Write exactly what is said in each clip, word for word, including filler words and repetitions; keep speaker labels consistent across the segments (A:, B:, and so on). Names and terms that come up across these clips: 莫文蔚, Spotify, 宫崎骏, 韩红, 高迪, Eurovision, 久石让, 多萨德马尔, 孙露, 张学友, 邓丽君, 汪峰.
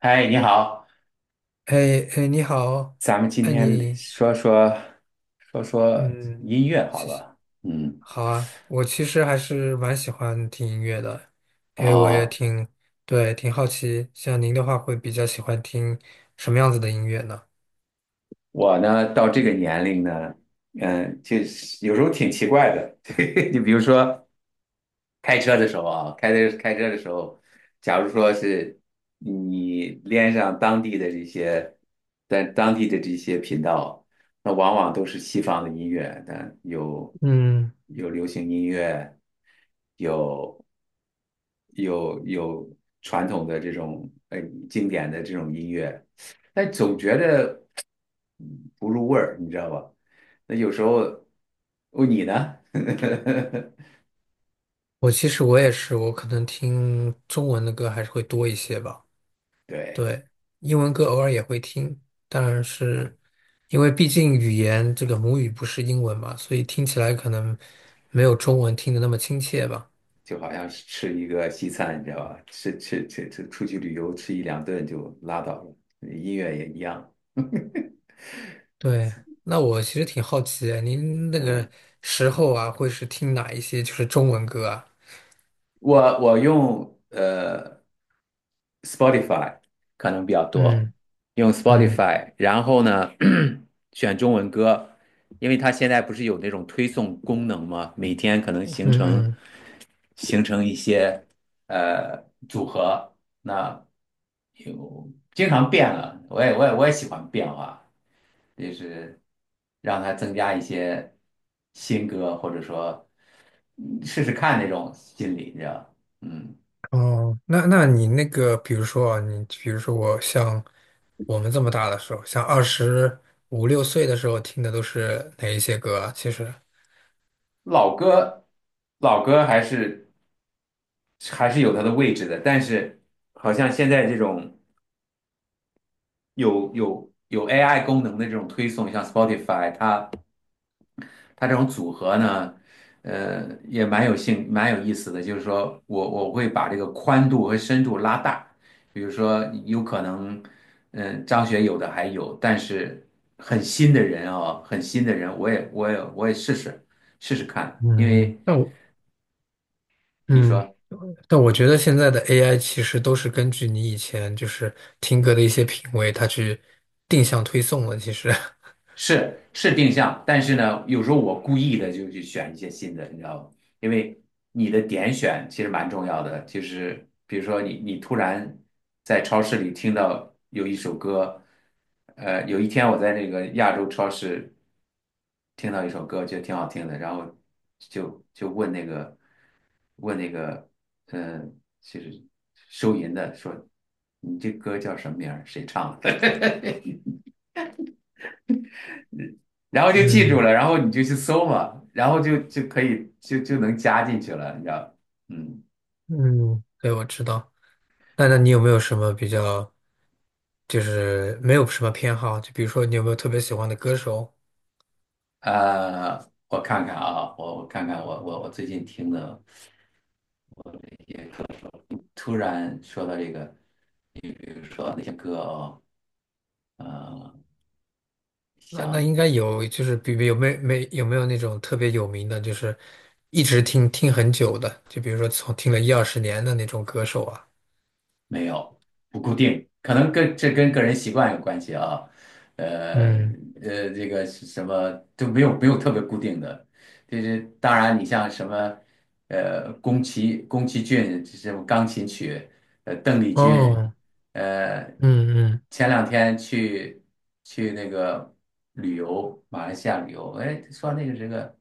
A: 嗨，你好，
B: 哎哎，你好。
A: 咱们今
B: 哎
A: 天
B: 你，
A: 说说说说
B: 嗯，
A: 音乐好
B: 谢谢。
A: 了。嗯，
B: 好啊，我其实还是蛮喜欢听音乐的，因为我也
A: 哦，
B: 挺，对，挺好奇，像您的话会比较喜欢听什么样子的音乐呢？
A: 我呢到这个年龄呢，嗯，就是有时候挺奇怪的。你比如说开车的时候啊，开车开车的时候，假如说是你连上当地的这些，在当地的这些频道，那往往都是西方的音乐，但有
B: 嗯，
A: 有流行音乐，有。有有传统的这种呃经典的这种音乐，但总觉得嗯不入味儿，你知道吧？那有时候哦，你呢？
B: 我其实我也是，我可能听中文的歌还是会多一些吧。
A: 对，
B: 对，英文歌偶尔也会听，但是因为毕竟语言这个母语不是英文嘛，所以听起来可能没有中文听的那么亲切吧。
A: 就好像是吃一个西餐，你知道吧？吃吃吃吃，出去旅游吃一两顿就拉倒了，音乐也一样。
B: 对，那我其实挺好奇，您 那
A: 嗯，
B: 个时候啊，会是听哪一些就是中文歌啊？
A: 我我用呃 Spotify 可能比较多，
B: 嗯
A: 用
B: 嗯
A: Spotify,然后呢，选中文歌，因为它现在不是有那种推送功能吗？每天可能形成
B: 嗯
A: 形成一些呃组合，那有经常变了，我也我也我也喜欢变化，就是让它增加一些新歌，或者说嗯试试看那种心理，你知道，嗯。
B: 嗯，哦，那那你那个，比如说啊，你比如说我像我们这么大的时候，像二十五六岁的时候听的都是哪一些歌啊？其实，
A: 老歌，老歌还是还是有它的位置的，但是好像现在这种有有有 A I 功能的这种推送，像 Spotify,它它这种组合呢，呃，也蛮有兴蛮有意思的。就是说我我会把这个宽度和深度拉大，比如说有可能，嗯，张学友的还有，但是很新的人啊、很新的人，我也我也我也试试试试看，因
B: 嗯，
A: 为。
B: 那我
A: 你
B: 嗯，
A: 说。
B: 但我觉得现在的 A I 其实都是根据你以前就是听歌的一些品味，它去定向推送了。其实，
A: 是是定向，但是呢，有时候我故意的就去选一些新的，你知道吗？因为你的点选其实蛮重要的。就是比如说你你突然在超市里听到有一首歌，呃，有一天我在那个亚洲超市听到一首歌，觉得挺好听的，然后就就问那个问那个，嗯、呃就是收银的说，你这歌叫什么名儿？谁唱的？然后就记住
B: 嗯
A: 了，然后你就去搜嘛，然后就就可以就就能加进去了，你知道？嗯，
B: 嗯，对，我知道。那那你有没有什么比较，就是没有什么偏好？就比如说你有没有特别喜欢的歌手？
A: 呃，我看看啊，我我看看我我我最近听的一些课，突然说到这个，呃。
B: 那那应该有，就是比比有没有没有没有那种特别有名的，就是一直听听很久的，就比如说从听了一二十年的那种歌手啊。
A: 没有，不固定，可能跟这跟个人习惯有关系啊。呃
B: 嗯，
A: 呃，这个是什么都没有没有特别固定的，就是当然你像什么呃宫崎宫崎骏这种钢琴曲，呃邓丽君，
B: 哦，
A: 呃
B: 嗯
A: 前两天去去那个旅游马来西亚旅游，哎说那个是个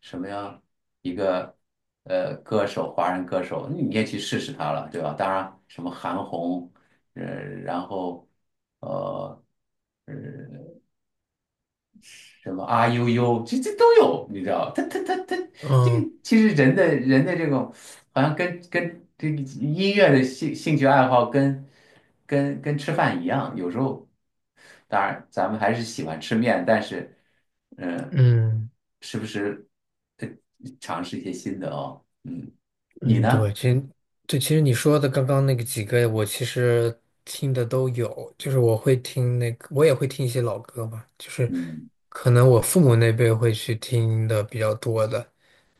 A: 什么呀？一个呃歌手，华人歌手，你也去试试他了，对吧？当然，什么韩红，呃，然后呃。呃什么啊呦呦，这这都有，你知道？他他他他，
B: 嗯，
A: 这个
B: 哦，
A: 其实人的人的这种，好像跟跟这个音乐的兴兴趣爱好跟跟跟吃饭一样，有时候当然咱们还是喜欢吃面，但是嗯、呃
B: 嗯。
A: 时不时呃尝试一些新的哦，嗯，你
B: 嗯，对，
A: 呢？
B: 其实对，其实你说的刚刚那个几个，我其实听的都有，就是我会听那个，我也会听一些老歌嘛，就是
A: 嗯
B: 可能我父母那辈会去听的比较多的。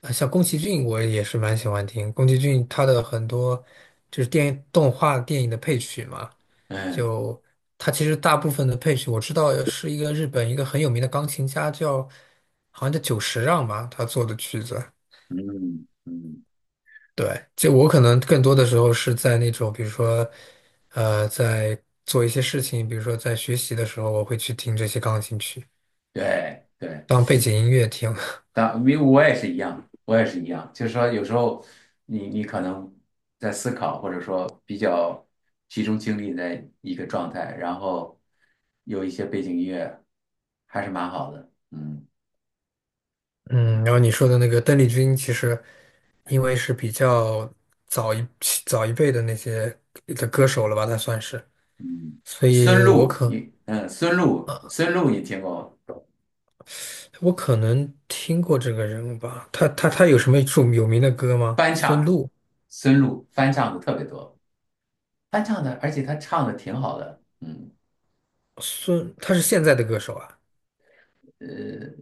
B: 啊，像宫崎骏，我也是蛮喜欢听宫崎骏他的很多就是电影动画电影的配曲嘛。
A: 嗯
B: 就他其实大部分的配曲，我知道是一个日本一个很有名的钢琴家叫好像叫久石让吧，他做的曲子。
A: 嗯嗯，
B: 对，就我可能更多的时候是在那种，比如说，呃，在做一些事情，比如说在学习的时候，我会去听这些钢琴曲
A: 对对。
B: 当背景音乐听。
A: 当因为我也是一样，我也是一样，就是说有时候你你可能在思考，或者说比较集中精力在一个状态，然后有一些背景音乐，还是蛮好的。嗯
B: 嗯，然后你说的那个邓丽君，其实因为是比较早一早一辈的那些的歌手了吧，她算是，
A: 嗯，
B: 所
A: 孙
B: 以我
A: 露，
B: 可
A: 你嗯，孙露，孙露你听过
B: 我可能听过这个人物吧。他他他有什么著有名的歌吗？
A: 翻
B: 孙
A: 唱，
B: 露，
A: 孙露翻唱的特别多，翻唱的，而且她唱的挺好的。嗯
B: 孙，他是现在的歌手啊，
A: 呃，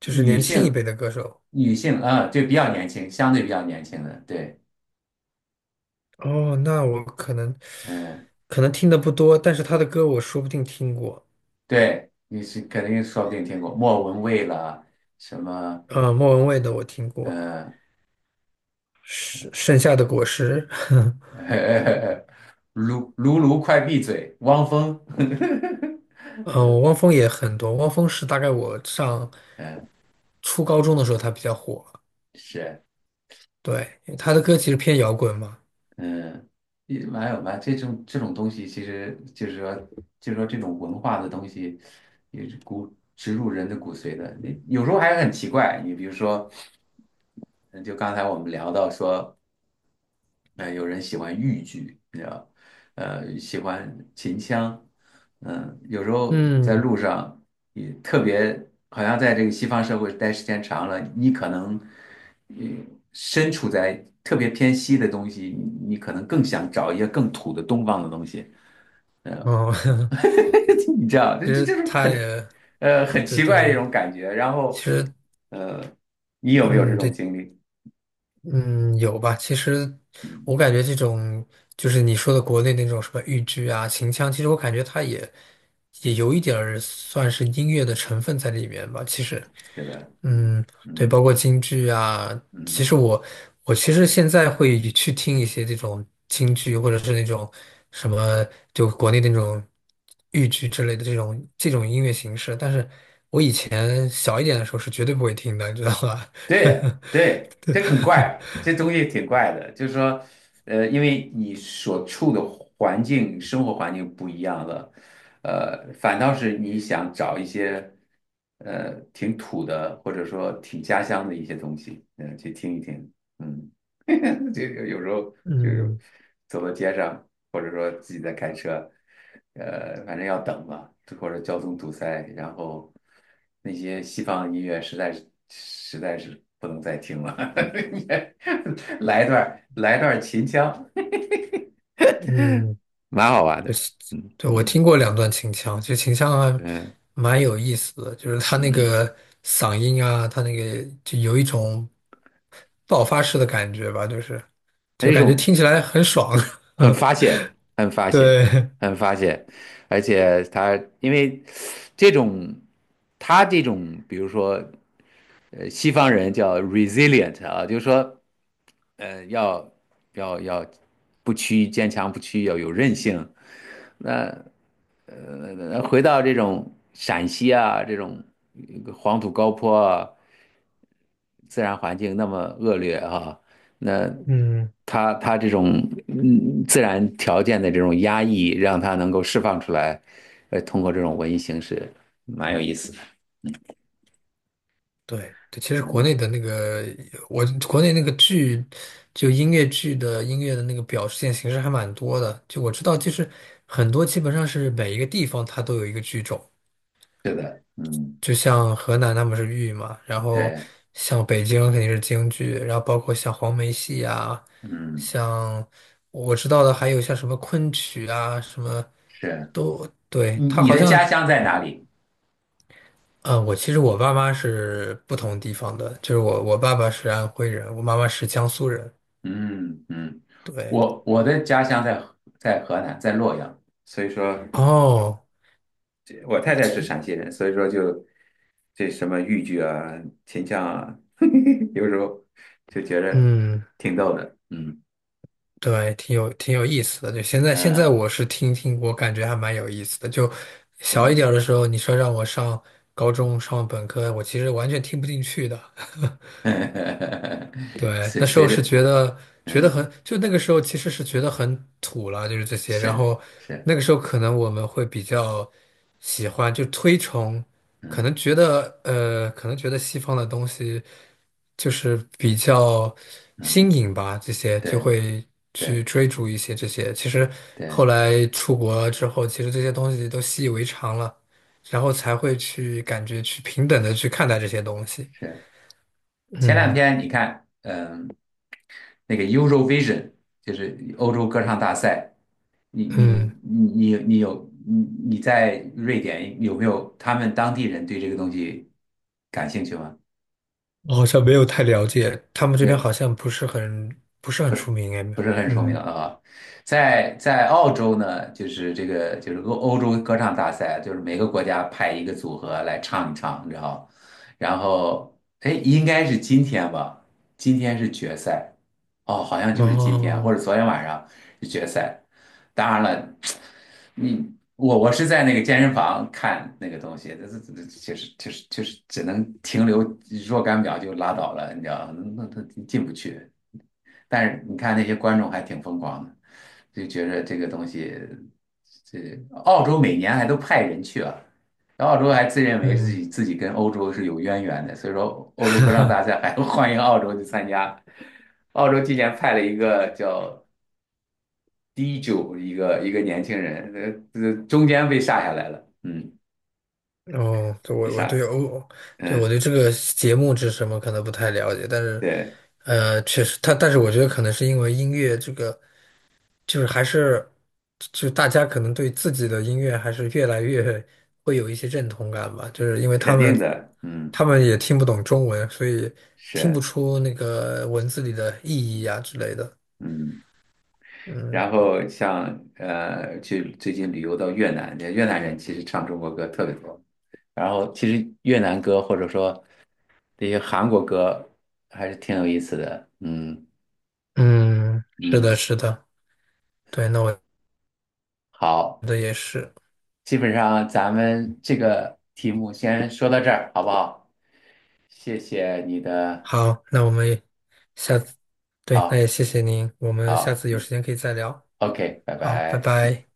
B: 就是
A: 女
B: 年轻一
A: 性
B: 辈的歌手。
A: 女性啊，对，比较年轻，相对比较年轻的，对。
B: 哦，那我可能
A: 嗯，
B: 可能听的不多，但是他的歌我说不定听过。
A: 对，你是肯定说不定听过莫文蔚啦，什么，
B: 啊、莫文蔚的我听过，
A: 嗯、
B: 是《盛夏的果实》
A: 呃，卢卢卢快闭嘴，汪峰，
B: 嗯、呃，汪峰也很多。汪峰是大概我上
A: 嗯，
B: 初高中的时候他比较火。
A: 是，
B: 对，他的歌其实偏摇滚嘛。
A: 嗯，也蛮有吧这种这种东西，其实就是说，就是说这种文化的东西，也是骨植入人的骨髓的，你有时候还很奇怪，你比如说。嗯就刚才我们聊到说，呃，有人喜欢豫剧，你知道，呃，喜欢秦腔，嗯，有时候在
B: 嗯，
A: 路上也特别，好像在这个西方社会待时间长了，你可能，嗯，身处在特别偏西的东西，你你可能更想找一些更土的东方的东西，
B: 哦，
A: 你知道，这
B: 其
A: 这
B: 实
A: 就是
B: 他
A: 很，
B: 也
A: 呃，很
B: 对
A: 奇怪的一
B: 对，
A: 种感觉。然后，
B: 其实
A: 你有没有这
B: 嗯，
A: 种
B: 对。
A: 经历？
B: 嗯，有吧？其实
A: 嗯，
B: 我感觉这种就是你说的国内那种什么豫剧啊、秦腔，其实我感觉它也也有一点儿算是音乐的成分在里面吧。其实，
A: 是的，嗯
B: 嗯，对，
A: 嗯
B: 包括京剧啊。其实
A: 嗯。
B: 我我其实现在会去听一些这种京剧，或者是那种什么就国内那种豫剧之类的这种这种音乐形式，但是以前小一点的时候是绝对不会听的，你知道吧？
A: 对 对，
B: 对。
A: 这很怪，这东西挺怪的。就是说，呃，因为你所处的环境、生活环境不一样了，呃，反倒是你想找一些，呃，挺土的，或者说挺家乡的一些东西，嗯、去听一听，嗯，就有有时候就是
B: 嗯
A: 走到街上，或者说自己在开车，呃，反正要等嘛，或者交通堵塞，然后那些西方音乐实在是实在是不能再听了，来一段来一段秦腔，
B: 嗯，
A: 蛮好玩
B: 对，
A: 的，
B: 是
A: 嗯
B: 对，我
A: 嗯
B: 听过两段秦腔，其实秦腔还
A: 嗯
B: 蛮有意思的，就是他那
A: 嗯，
B: 个嗓音啊，他那个就有一种爆发式的感觉吧，就是
A: 还
B: 就
A: 是一
B: 感觉
A: 种。
B: 听起来很爽。
A: 很发 泄，很发泄，
B: 对，
A: 很发泄，而且他因为这种，他这种，比如说，呃，西方人叫 resilient 啊，就是说，呃，要要要不屈，坚强不屈，要有韧性。那呃，回到这种陕西啊，这种呃黄土高坡啊，自然环境那么恶劣啊，那
B: 嗯，
A: 他他这种嗯自然条件的这种压抑，让他能够释放出来，呃，通过这种文艺形式，蛮有意思的。
B: 对对，其实国
A: 嗯，
B: 内的那个我国内那个剧，就音乐剧的音乐的那个表现形式还蛮多的，就我知道，就是很多基本上是每一个地方它都有一个剧种。
A: 是的，嗯，
B: 就像河南他们是豫嘛，然后
A: 对，
B: 像北京肯定是京剧，然后包括像黄梅戏啊，
A: 嗯，
B: 像我知道的还有像什么昆曲啊，什么，
A: 是。
B: 对，
A: 你
B: 他
A: 你
B: 好
A: 的
B: 像，
A: 家乡在哪里？
B: 嗯，我其实我爸妈是不同地方的，就是我我爸爸是安徽人，我妈妈是江苏人。
A: 嗯嗯，
B: 对，
A: 我我的家乡在河在河南，在洛阳，所以说。
B: 哦，
A: 这我太太是陕西人，所以说就这什么豫剧啊、秦腔啊，有时候就觉着
B: 嗯。
A: 挺逗的。嗯
B: 对，挺有挺有意思的。就现在，现在
A: 嗯
B: 我是听听，我感觉还蛮有意思的。就小一点儿的时候，你说让我上高中、上本科，我其实完全听不进去的。
A: 嗯，
B: 对，
A: 随
B: 那时
A: 随
B: 候是
A: 着
B: 觉得觉得
A: 嗯
B: 很，就那个时候其实是觉得很土了，就是这些。然
A: 是
B: 后
A: 是
B: 那个时候可能我们会比较喜欢，就推崇，可能
A: 嗯
B: 觉得呃，可能觉得西方的东西就是比较新
A: 嗯
B: 颖吧，这些就
A: 对
B: 会去
A: 对
B: 追逐一些这些。其实后
A: 对
B: 来出国之后，其实这些东西都习以为常了，然后才会去感觉去平等的去看待这些东西。
A: 是。前两
B: 嗯
A: 天你看，嗯，那个 Eurovision,就是欧洲歌唱大赛。你你
B: 嗯。
A: 你你你有你你在瑞典有没有他们当地人对这个东西感兴趣吗？
B: 我好像没有太了解，他们这边好
A: 也
B: 像不是很不是
A: 不
B: 很出
A: 是
B: 名哎。
A: 不是很出名
B: 嗯，
A: 啊。在在澳洲呢，就是这个就是欧欧洲歌唱大赛啊，就是每个国家派一个组合来唱一唱，你知道？然后哎，应该是今天吧？今天是决赛哦，好像就是今天或
B: 哦，
A: 者昨天晚上。决赛。当然了，你我我是在那个健身房看那个东西，这这这确实确实确实只能停留若干秒就拉倒了，你知道，那他进不去。但是你看那些观众还挺疯狂的，就觉着这个东西，这澳洲每年还都派人去啊。然后澳洲还自认为自
B: 嗯，
A: 己自己跟欧洲是有渊源的，所以说欧洲歌唱大赛还欢迎澳洲去参加。澳洲今年派了一个叫低就一个一个年轻人，呃，呃中间被杀下来了，嗯，
B: 哦，对，
A: 被
B: 我我对
A: 杀，
B: 哦，对我
A: 嗯，
B: 对这个节目是什么可能不太了解，但是
A: 对，
B: 呃，确实，他但是我觉得可能是因为音乐这个就是还是就大家可能对自己的音乐还是越来越会有一些认同感吧，就是因为他
A: 肯
B: 们
A: 定的，嗯，
B: 他们也听不懂中文，所以听不
A: 是，
B: 出那个文字里的意义啊之类的。
A: 嗯，
B: 嗯。
A: 然后像呃，去最近旅游到越南，越南人其实唱中国歌特别多，然后其实越南歌或者说这些韩国歌还是挺有意思的，嗯
B: 嗯，是
A: 嗯，
B: 的，是的，对，那我觉
A: 好，
B: 得也是。
A: 基本上咱们这个题目先说到这儿，好不好？谢谢你的，
B: 好，那我们下次，对，那也
A: 好
B: 谢谢您，我们下
A: 好。
B: 次有时间可以再聊。
A: OK,拜
B: 好，拜
A: 拜。嗯。
B: 拜。